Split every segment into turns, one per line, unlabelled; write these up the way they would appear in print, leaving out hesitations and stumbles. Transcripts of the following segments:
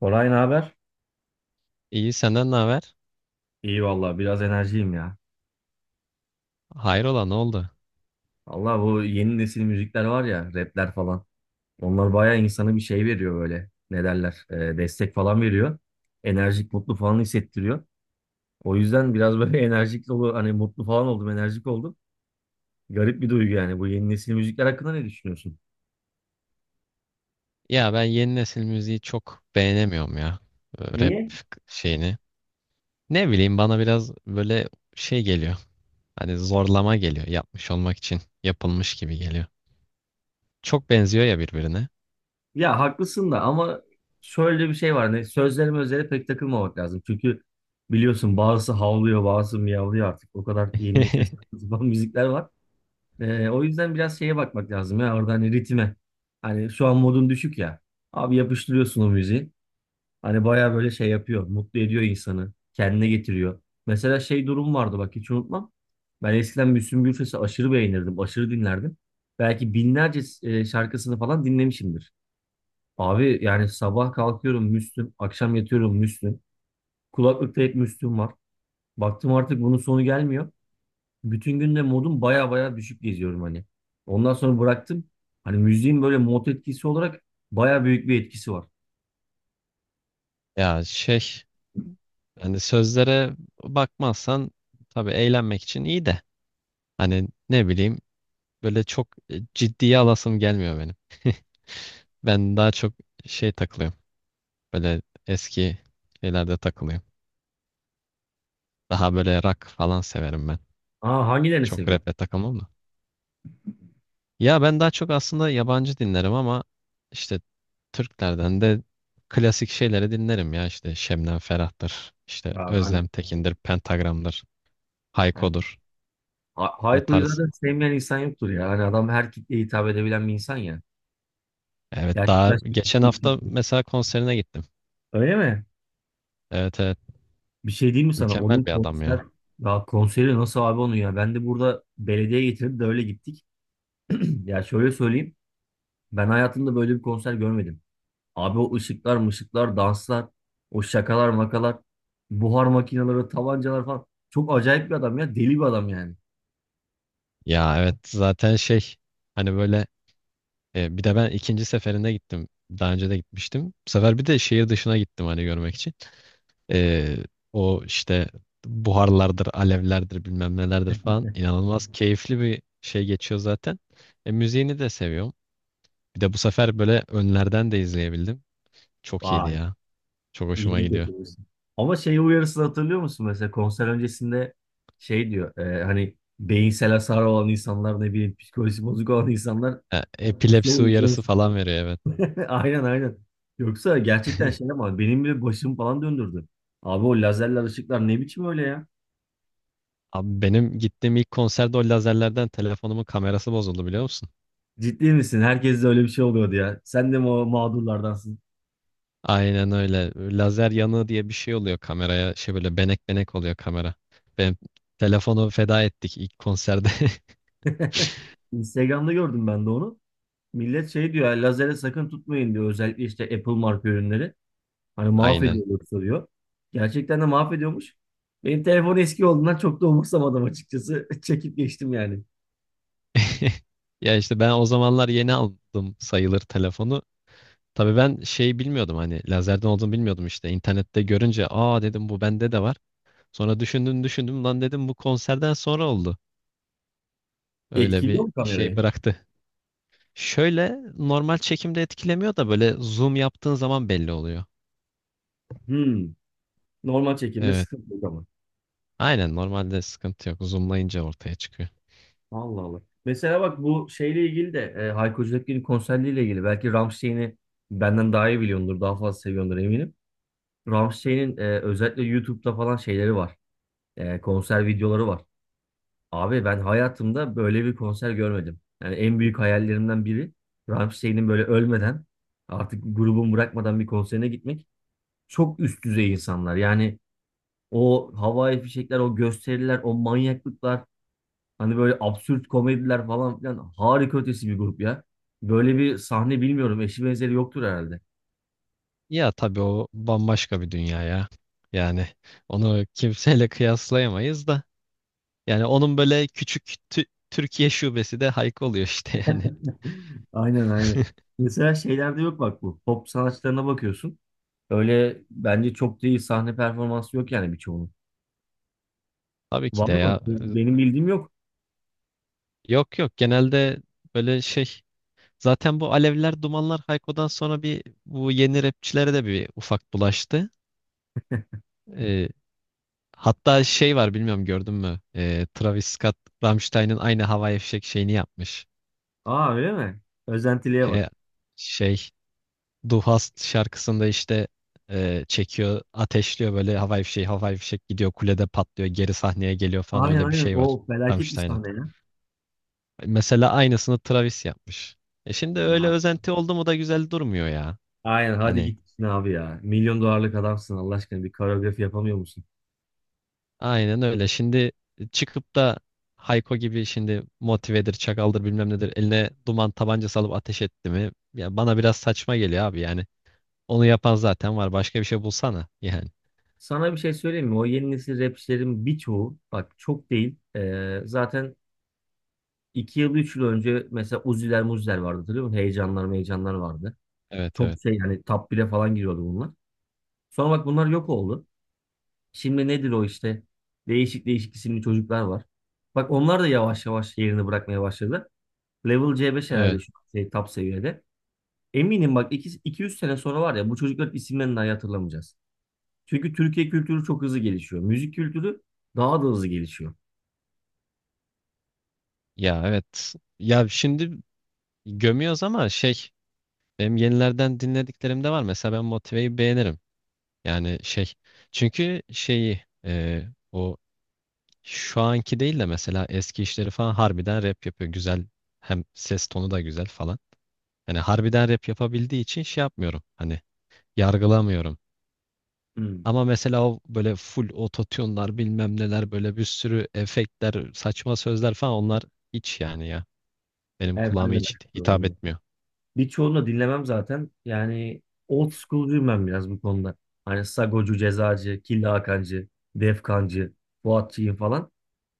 Koray ne haber?
İyi, senden ne haber?
İyi valla biraz enerjiyim ya.
Hayrola, ne oldu?
Allah bu yeni nesil müzikler var ya rapler falan. Onlar bayağı insana bir şey veriyor böyle. Ne derler? Destek falan veriyor. Enerjik mutlu falan hissettiriyor. O yüzden biraz böyle enerjik dolu hani mutlu falan oldum enerjik oldum. Garip bir duygu yani, bu yeni nesil müzikler hakkında ne düşünüyorsun?
Ya ben yeni nesil müziği çok beğenemiyorum ya. Rap
Niye?
şeyini. Ne bileyim, bana biraz böyle şey geliyor. Hani zorlama geliyor. Yapmış olmak için yapılmış gibi geliyor. Çok benziyor ya birbirine.
Ya haklısın da ama şöyle bir şey var. Ne, sözlerime özele pek takılmamak lazım. Çünkü biliyorsun bazısı havlıyor bazısı miyavlıyor artık. O kadar yeni nesil saçma sapan müzikler var. O yüzden biraz şeye bakmak lazım ya, orada hani ritme. Hani şu an modun düşük ya. Abi yapıştırıyorsun o müziği. Hani baya böyle şey yapıyor. Mutlu ediyor insanı. Kendine getiriyor. Mesela şey durum vardı, bak hiç unutmam. Ben eskiden Müslüm Gürses'i aşırı beğenirdim. Aşırı dinlerdim. Belki binlerce şarkısını falan dinlemişimdir. Abi yani sabah kalkıyorum Müslüm. Akşam yatıyorum Müslüm. Kulaklıkta hep Müslüm var. Baktım artık bunun sonu gelmiyor. Bütün günde modum baya baya düşük geziyorum hani. Ondan sonra bıraktım. Hani müziğin böyle mod etkisi olarak baya büyük bir etkisi var.
Ya şey, hani sözlere bakmazsan tabii eğlenmek için iyi de, hani ne bileyim, böyle çok ciddiye alasım gelmiyor benim. Ben daha çok şey takılıyorum. Böyle eski şeylerde takılıyorum. Daha böyle rock falan severim ben.
Aa hangilerini
Çok
seviyorum?
rap'le takılmam da. Ya ben daha çok aslında yabancı dinlerim ama işte Türklerden de klasik şeyleri dinlerim ya. İşte Şebnem Ferah'tır, işte
Aa ben de.
Özlem Tekin'dir, Pentagram'dır,
Yani,
Hayko'dur. O
Hayko'yu
tarz.
zaten sevmeyen insan yoktur ya. Hani adam her kitleye hitap edebilen bir insan ya.
Evet, daha
Gerçekten şey-
geçen hafta mesela konserine gittim.
öyle mi?
Evet, evet,
Bir şey diyeyim mi sana?
mükemmel
Onun
bir adam
konser
ya.
ya, konseri nasıl abi onun ya? Ben de burada belediye getirip de öyle gittik. Ya şöyle söyleyeyim. Ben hayatımda böyle bir konser görmedim. Abi o ışıklar mışıklar, danslar, o şakalar makalar, buhar makineleri, tabancalar falan. Çok acayip bir adam ya. Deli bir adam yani.
Ya evet, zaten şey, hani böyle, bir de ben ikinci seferinde gittim. Daha önce de gitmiştim. Bu sefer bir de şehir dışına gittim hani görmek için. Ee, O işte buharlardır, alevlerdir, bilmem nelerdir falan. İnanılmaz keyifli bir şey geçiyor zaten. Müziğini de seviyorum. Bir de bu sefer böyle önlerden de izleyebildim. Çok iyiydi
Vay.
ya. Çok hoşuma
İyilik
gidiyor.
getirmişsin. Ama şey uyarısını hatırlıyor musun? Mesela konser öncesinde şey diyor. Hani beyinsel hasar olan insanlar, ne bileyim psikolojisi bozuk olan insanlar bu
Epilepsi
şovu
uyarısı
izlemesin.
falan veriyor, evet.
Aynen aynen. Yoksa gerçekten şey, ama benim bile başım falan döndürdü. Abi o lazerler ışıklar ne biçim öyle ya?
Abi, benim gittiğim ilk konserde o lazerlerden telefonumun kamerası bozuldu, biliyor musun?
Ciddi misin? Herkes de öyle bir şey oluyordu ya. Sen de mi o mağdurlardansın?
Aynen öyle. Lazer yanığı diye bir şey oluyor kameraya. Şey, böyle benek benek oluyor kamera. Ben telefonu feda ettik ilk konserde.
Instagram'da gördüm ben de onu. Millet şey diyor, "Yani lazere sakın tutmayın diyor. Özellikle işte Apple marka ürünleri. Hani mahvediyor
Aynen.
yoksa diyor. Gerçekten de mahvediyormuş. Benim telefon eski olduğundan çok da umursamadım açıkçası. Çekip geçtim yani.
Ya işte, ben o zamanlar yeni aldım sayılır telefonu. Tabii ben şey bilmiyordum, hani lazerden olduğunu bilmiyordum işte. İnternette görünce aa dedim, bu bende de var. Sonra düşündüm düşündüm, lan dedim, bu konserden sonra oldu. Öyle
Etkiliyor
bir
mu
şey
kamerayı?
bıraktı. Şöyle, normal çekimde etkilemiyor da böyle zoom yaptığın zaman belli oluyor.
Hmm. Normal çekimde
Evet.
sıkıntı yok ama.
Aynen, normalde sıkıntı yok. Zoomlayınca ortaya çıkıyor.
Allah Allah. Mesela bak bu şeyle ilgili de Hayko Cepkin'in konserleriyle ilgili. Belki Rammstein'i benden daha iyi biliyordur. Daha fazla seviyordur eminim. Rammstein'in özellikle YouTube'da falan şeyleri var. Konser videoları var. Abi ben hayatımda böyle bir konser görmedim. Yani en büyük hayallerimden biri Rammstein'in böyle ölmeden, artık grubun bırakmadan bir konserine gitmek. Çok üst düzey insanlar. Yani o havai fişekler, o gösteriler, o manyaklıklar, hani böyle absürt komediler falan filan, harika ötesi bir grup ya. Böyle bir sahne bilmiyorum. Eşi benzeri yoktur herhalde.
Ya tabii, o bambaşka bir dünya ya. Yani onu kimseyle kıyaslayamayız da. Yani onun böyle küçük Türkiye şubesi de Hayko oluyor işte yani.
Aynen aynen. Mesela şeylerde yok bak bu. Pop sanatçılarına bakıyorsun. Öyle bence çok değil, sahne performansı yok yani birçoğunun.
Tabii ki
Var
de
mı?
ya.
Benim bildiğim yok.
Yok, yok, genelde böyle şey. Zaten bu Alevler Dumanlar Hayko'dan sonra bir, bu yeni rapçilere de bir ufak bulaştı. Ee, Hatta şey var, bilmiyorum gördün mü? Travis Scott Rammstein'in aynı Hava Fişek şeyini yapmış.
Aa öyle mi? Özentiliğe bak.
He, şey, Du Hast şarkısında işte çekiyor, ateşliyor, böyle havai fişek, havai fişek gidiyor, kulede patlıyor, geri sahneye geliyor falan,
Aynen
öyle bir
aynen.
şey var
O felaket bir
Rammstein'ın.
sahne ya.
Mesela aynısını Travis yapmış. Şimdi öyle
Ya,
özenti oldu mu da güzel durmuyor ya.
aynen hadi
Hani
git gitsin abi ya. Milyon dolarlık adamsın Allah aşkına, bir koreografi yapamıyor musun?
aynen öyle. Şimdi çıkıp da Hayko gibi şimdi motivedir, çakaldır, bilmem nedir, eline duman tabancası alıp ateş etti mi? Ya, bana biraz saçma geliyor abi yani. Onu yapan zaten var. Başka bir şey bulsana yani.
Sana bir şey söyleyeyim mi? O yeni nesil rapçilerin birçoğu bak çok değil. Zaten iki yıl üç yıl önce mesela Uzi'ler Muzi'ler vardı, hatırlıyor musun? Heyecanlar meyecanlar vardı.
Evet,
Çok
evet.
şey yani, top 1'e falan giriyordu bunlar. Sonra bak bunlar yok oldu. Şimdi nedir o işte? Değişik değişik isimli çocuklar var. Bak onlar da yavaş yavaş yerini bırakmaya başladı. Level C5
Ee,
herhalde şu an şey, top seviyede. Eminim bak 200 sene sonra var ya, bu çocukların isimlerini dahi hatırlamayacağız. Çünkü Türkiye kültürü çok hızlı gelişiyor. Müzik kültürü daha da hızlı gelişiyor.
Ya evet. Ya şimdi gömüyoruz ama şey, benim yenilerden dinlediklerim de var. Mesela ben Motive'yi beğenirim. Yani şey, çünkü şeyi, o şu anki değil de mesela eski işleri falan, harbiden rap yapıyor. Güzel, hem ses tonu da güzel falan. Hani harbiden rap yapabildiği için şey yapmıyorum. Hani yargılamıyorum.
Hmm.
Ama mesela o böyle full ototune'lar, bilmem neler, böyle bir sürü efektler, saçma sözler falan, onlar hiç yani ya. Benim
Evet
kulağıma
ben de
hiç
merak ediyorum
hitap
onları.
etmiyor.
Birçoğunu da dinlemem zaten. Yani old school'cuyum ben biraz bu konuda. Hani Sagocu, Cezacı, Killa Hakancı, Defkancı, Fuatçı'yım falan.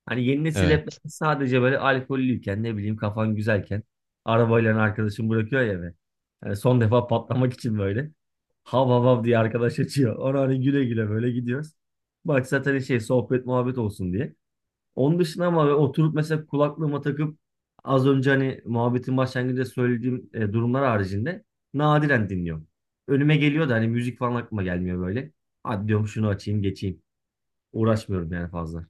Hani yeni nesil rapler
Evet.
sadece böyle alkollüyken, ne bileyim kafan güzelken, arabayla hani arkadaşın bırakıyor ya eve. Hani son defa patlamak için böyle. Hav hav hav diye arkadaş açıyor. Ona hani güle güle böyle gidiyoruz. Bak zaten şey sohbet muhabbet olsun diye. Onun dışında ama böyle oturup mesela kulaklığıma takıp, az önce hani muhabbetin başlangıcında söylediğim durumlar haricinde nadiren dinliyorum. Önüme geliyor da hani müzik falan aklıma gelmiyor böyle. Hadi diyorum şunu açayım geçeyim. Uğraşmıyorum yani fazla.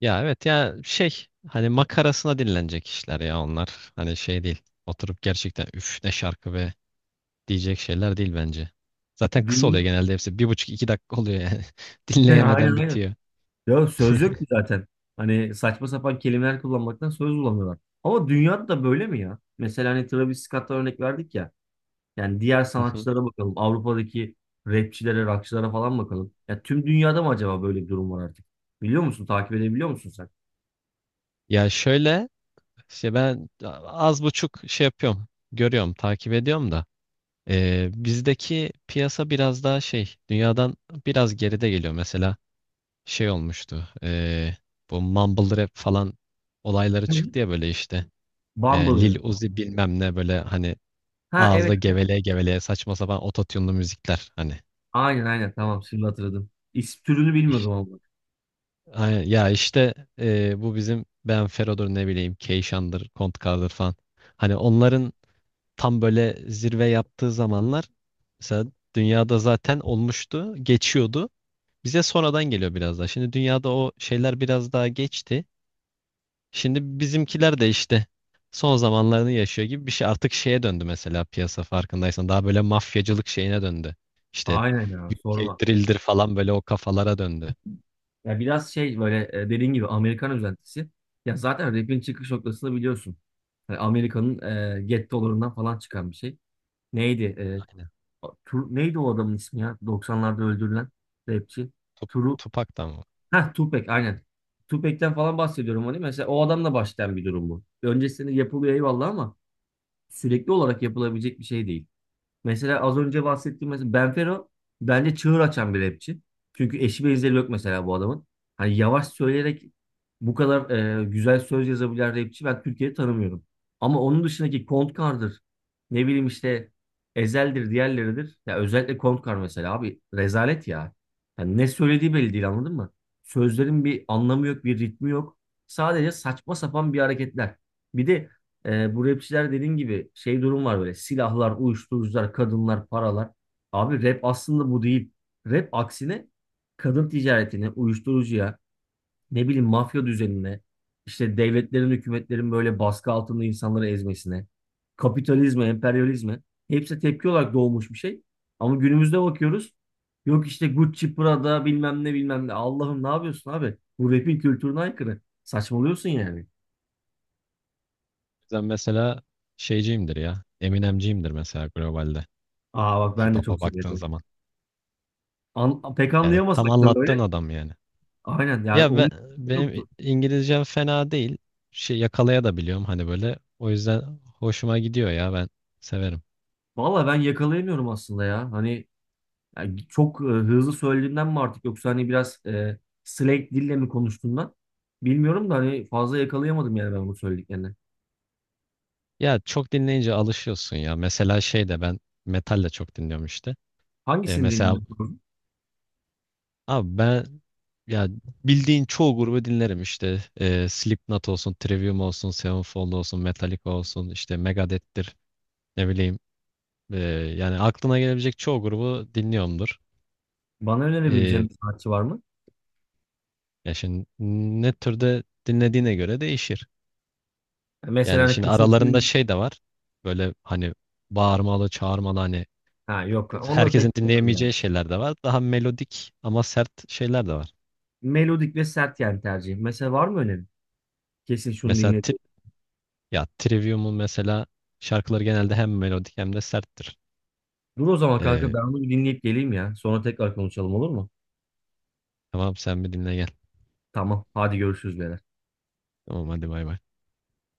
Ya evet, ya şey, hani makarasına dinlenecek işler ya onlar. Hani şey değil. Oturup gerçekten üf ne şarkı be diyecek şeyler değil bence. Zaten kısa
Dünya...
oluyor genelde hepsi. Bir buçuk iki dakika oluyor yani.
Aynen
Dinleyemeden
aynen.
bitiyor.
Ya
Hı
söz yok ki zaten. Hani saçma sapan kelimeler kullanmaktan söz bulamıyorlar. Ama dünyada da böyle mi ya? Mesela hani Travis Scott'a örnek verdik ya. Yani diğer
hı.
sanatçılara bakalım. Avrupa'daki rapçilere, rockçılara falan bakalım. Ya tüm dünyada mı acaba böyle bir durum var artık? Biliyor musun? Takip edebiliyor musun sen?
Ya şöyle, işte ben az buçuk şey yapıyorum. Görüyorum, takip ediyorum da. Bizdeki piyasa biraz daha şey, dünyadan biraz geride geliyor. Mesela şey olmuştu. Bu mumble rap falan olayları
Hı.
çıktı ya böyle işte. Lil
Bumble'ı.
Uzi bilmem ne, böyle hani
Ha evet.
ağızda geveleye geveleye saçma sapan ototune'lu müzikler hani.
Aynen aynen, tamam şimdi hatırladım. İsim türünü
İş-
bilmiyordum ama.
Hani ya işte, bu bizim Ben Fero'dur, ne bileyim Keyşan'dır, Kontkar'dır falan. Hani onların tam böyle zirve yaptığı zamanlar, mesela dünyada zaten olmuştu, geçiyordu. Bize sonradan geliyor biraz daha. Şimdi dünyada o şeyler biraz daha geçti. Şimdi bizimkiler de işte son zamanlarını yaşıyor gibi bir şey. Artık şeye döndü mesela piyasa, farkındaysan. Daha böyle mafyacılık şeyine döndü. İşte
Aynen ya
UK
sorma.
Drill'dir falan, böyle o kafalara döndü.
Ya biraz şey böyle, dediğin gibi Amerikan özentisi. Ya zaten rap'in çıkış noktasını biliyorsun. Yani Amerika'nın Get Dollар'ından falan çıkan bir şey. Neydi?
Aynen.
Neydi o adamın ismi ya? 90'larda öldürülen rapçi.
Tup,
Turu.
Tupac da mı?
Heh, Tupac aynen. Tupac'ten falan bahsediyorum hani. Mesela o adamla başlayan bir durum bu. Öncesinde yapılıyor eyvallah ama sürekli olarak yapılabilecek bir şey değil. Mesela az önce bahsettiğim, mesela Benfero bence çığır açan bir rapçi. Çünkü eşi benzeri yok mesela bu adamın. Hani yavaş söyleyerek bu kadar güzel söz yazabilen rapçi ben Türkiye'de tanımıyorum. Ama onun dışındaki Kontkar'dır. Ne bileyim işte Ezel'dir, diğerleridir. Ya özellikle Kontkar mesela abi rezalet ya. Yani ne söylediği belli değil, anladın mı? Sözlerin bir anlamı yok, bir ritmi yok. Sadece saçma sapan bir hareketler. Bir de bu rapçiler dediğin gibi şey durum var böyle: silahlar, uyuşturucular, kadınlar, paralar. Abi rap aslında bu değil. Rap aksine kadın ticaretine, uyuşturucuya, ne bileyim mafya düzenine, işte devletlerin, hükümetlerin böyle baskı altında insanları ezmesine, kapitalizme, emperyalizme, hepsi tepki olarak doğmuş bir şey. Ama günümüzde bakıyoruz. Yok işte Gucci, Prada bilmem ne bilmem ne. Allah'ım ne yapıyorsun abi? Bu rap'in kültürüne aykırı. Saçmalıyorsun yani.
Ben mesela şeyciyimdir ya. Eminemciyimdir mesela, globalde.
Aa bak ben
Hip
de çok
hop'a baktığın
seviyorum.
zaman.
Pek
Yani tam
anlayamasak da böyle.
anlattığın adam yani.
Aynen yani
Ya ben,
onun
Benim
yoktu.
İngilizcem fena değil. Şey yakalaya da biliyorum hani böyle. O yüzden hoşuma gidiyor ya, ben severim.
Valla ben yakalayamıyorum aslında ya. Hani yani çok hızlı söylediğimden mi artık, yoksa hani biraz slang dille mi konuştuğumdan bilmiyorum da, hani fazla yakalayamadım yani ben bu söylediklerini.
Ya çok dinleyince alışıyorsun ya. Mesela şey de, ben metal de çok dinliyorum işte.
Hangisini
Mesela
dinliyorsun?
abi ben ya bildiğin çoğu grubu dinlerim işte. Slipknot olsun, Trivium olsun, Sevenfold olsun, Metallica olsun, işte Megadeth'tir, ne bileyim. E, Yani aklına gelebilecek çoğu grubu dinliyorumdur.
Bana önerebileceğin
E,
bir sanatçı var mı?
Ya şimdi ne türde dinlediğine göre değişir.
Ya mesela
Yani
hani
şimdi
kesin
aralarında şey de var. Böyle hani bağırmalı, çağırmalı, hani
Ha yok. Onları
herkesin
pek bilmiyorum yani.
dinleyemeyeceği şeyler de var. Daha melodik ama sert şeyler de var.
Melodik ve sert yani tercihim. Mesela var mı önerin? Kesin şunu
Mesela
dinledim.
ya Trivium'un mesela şarkıları genelde hem melodik hem de serttir.
Dur o zaman kanka,
Ee,
ben bunu bir dinleyip geleyim ya. Sonra tekrar konuşalım, olur mu?
tamam, sen bir dinle gel.
Tamam. Hadi görüşürüz beyler.
Tamam, hadi bay bay.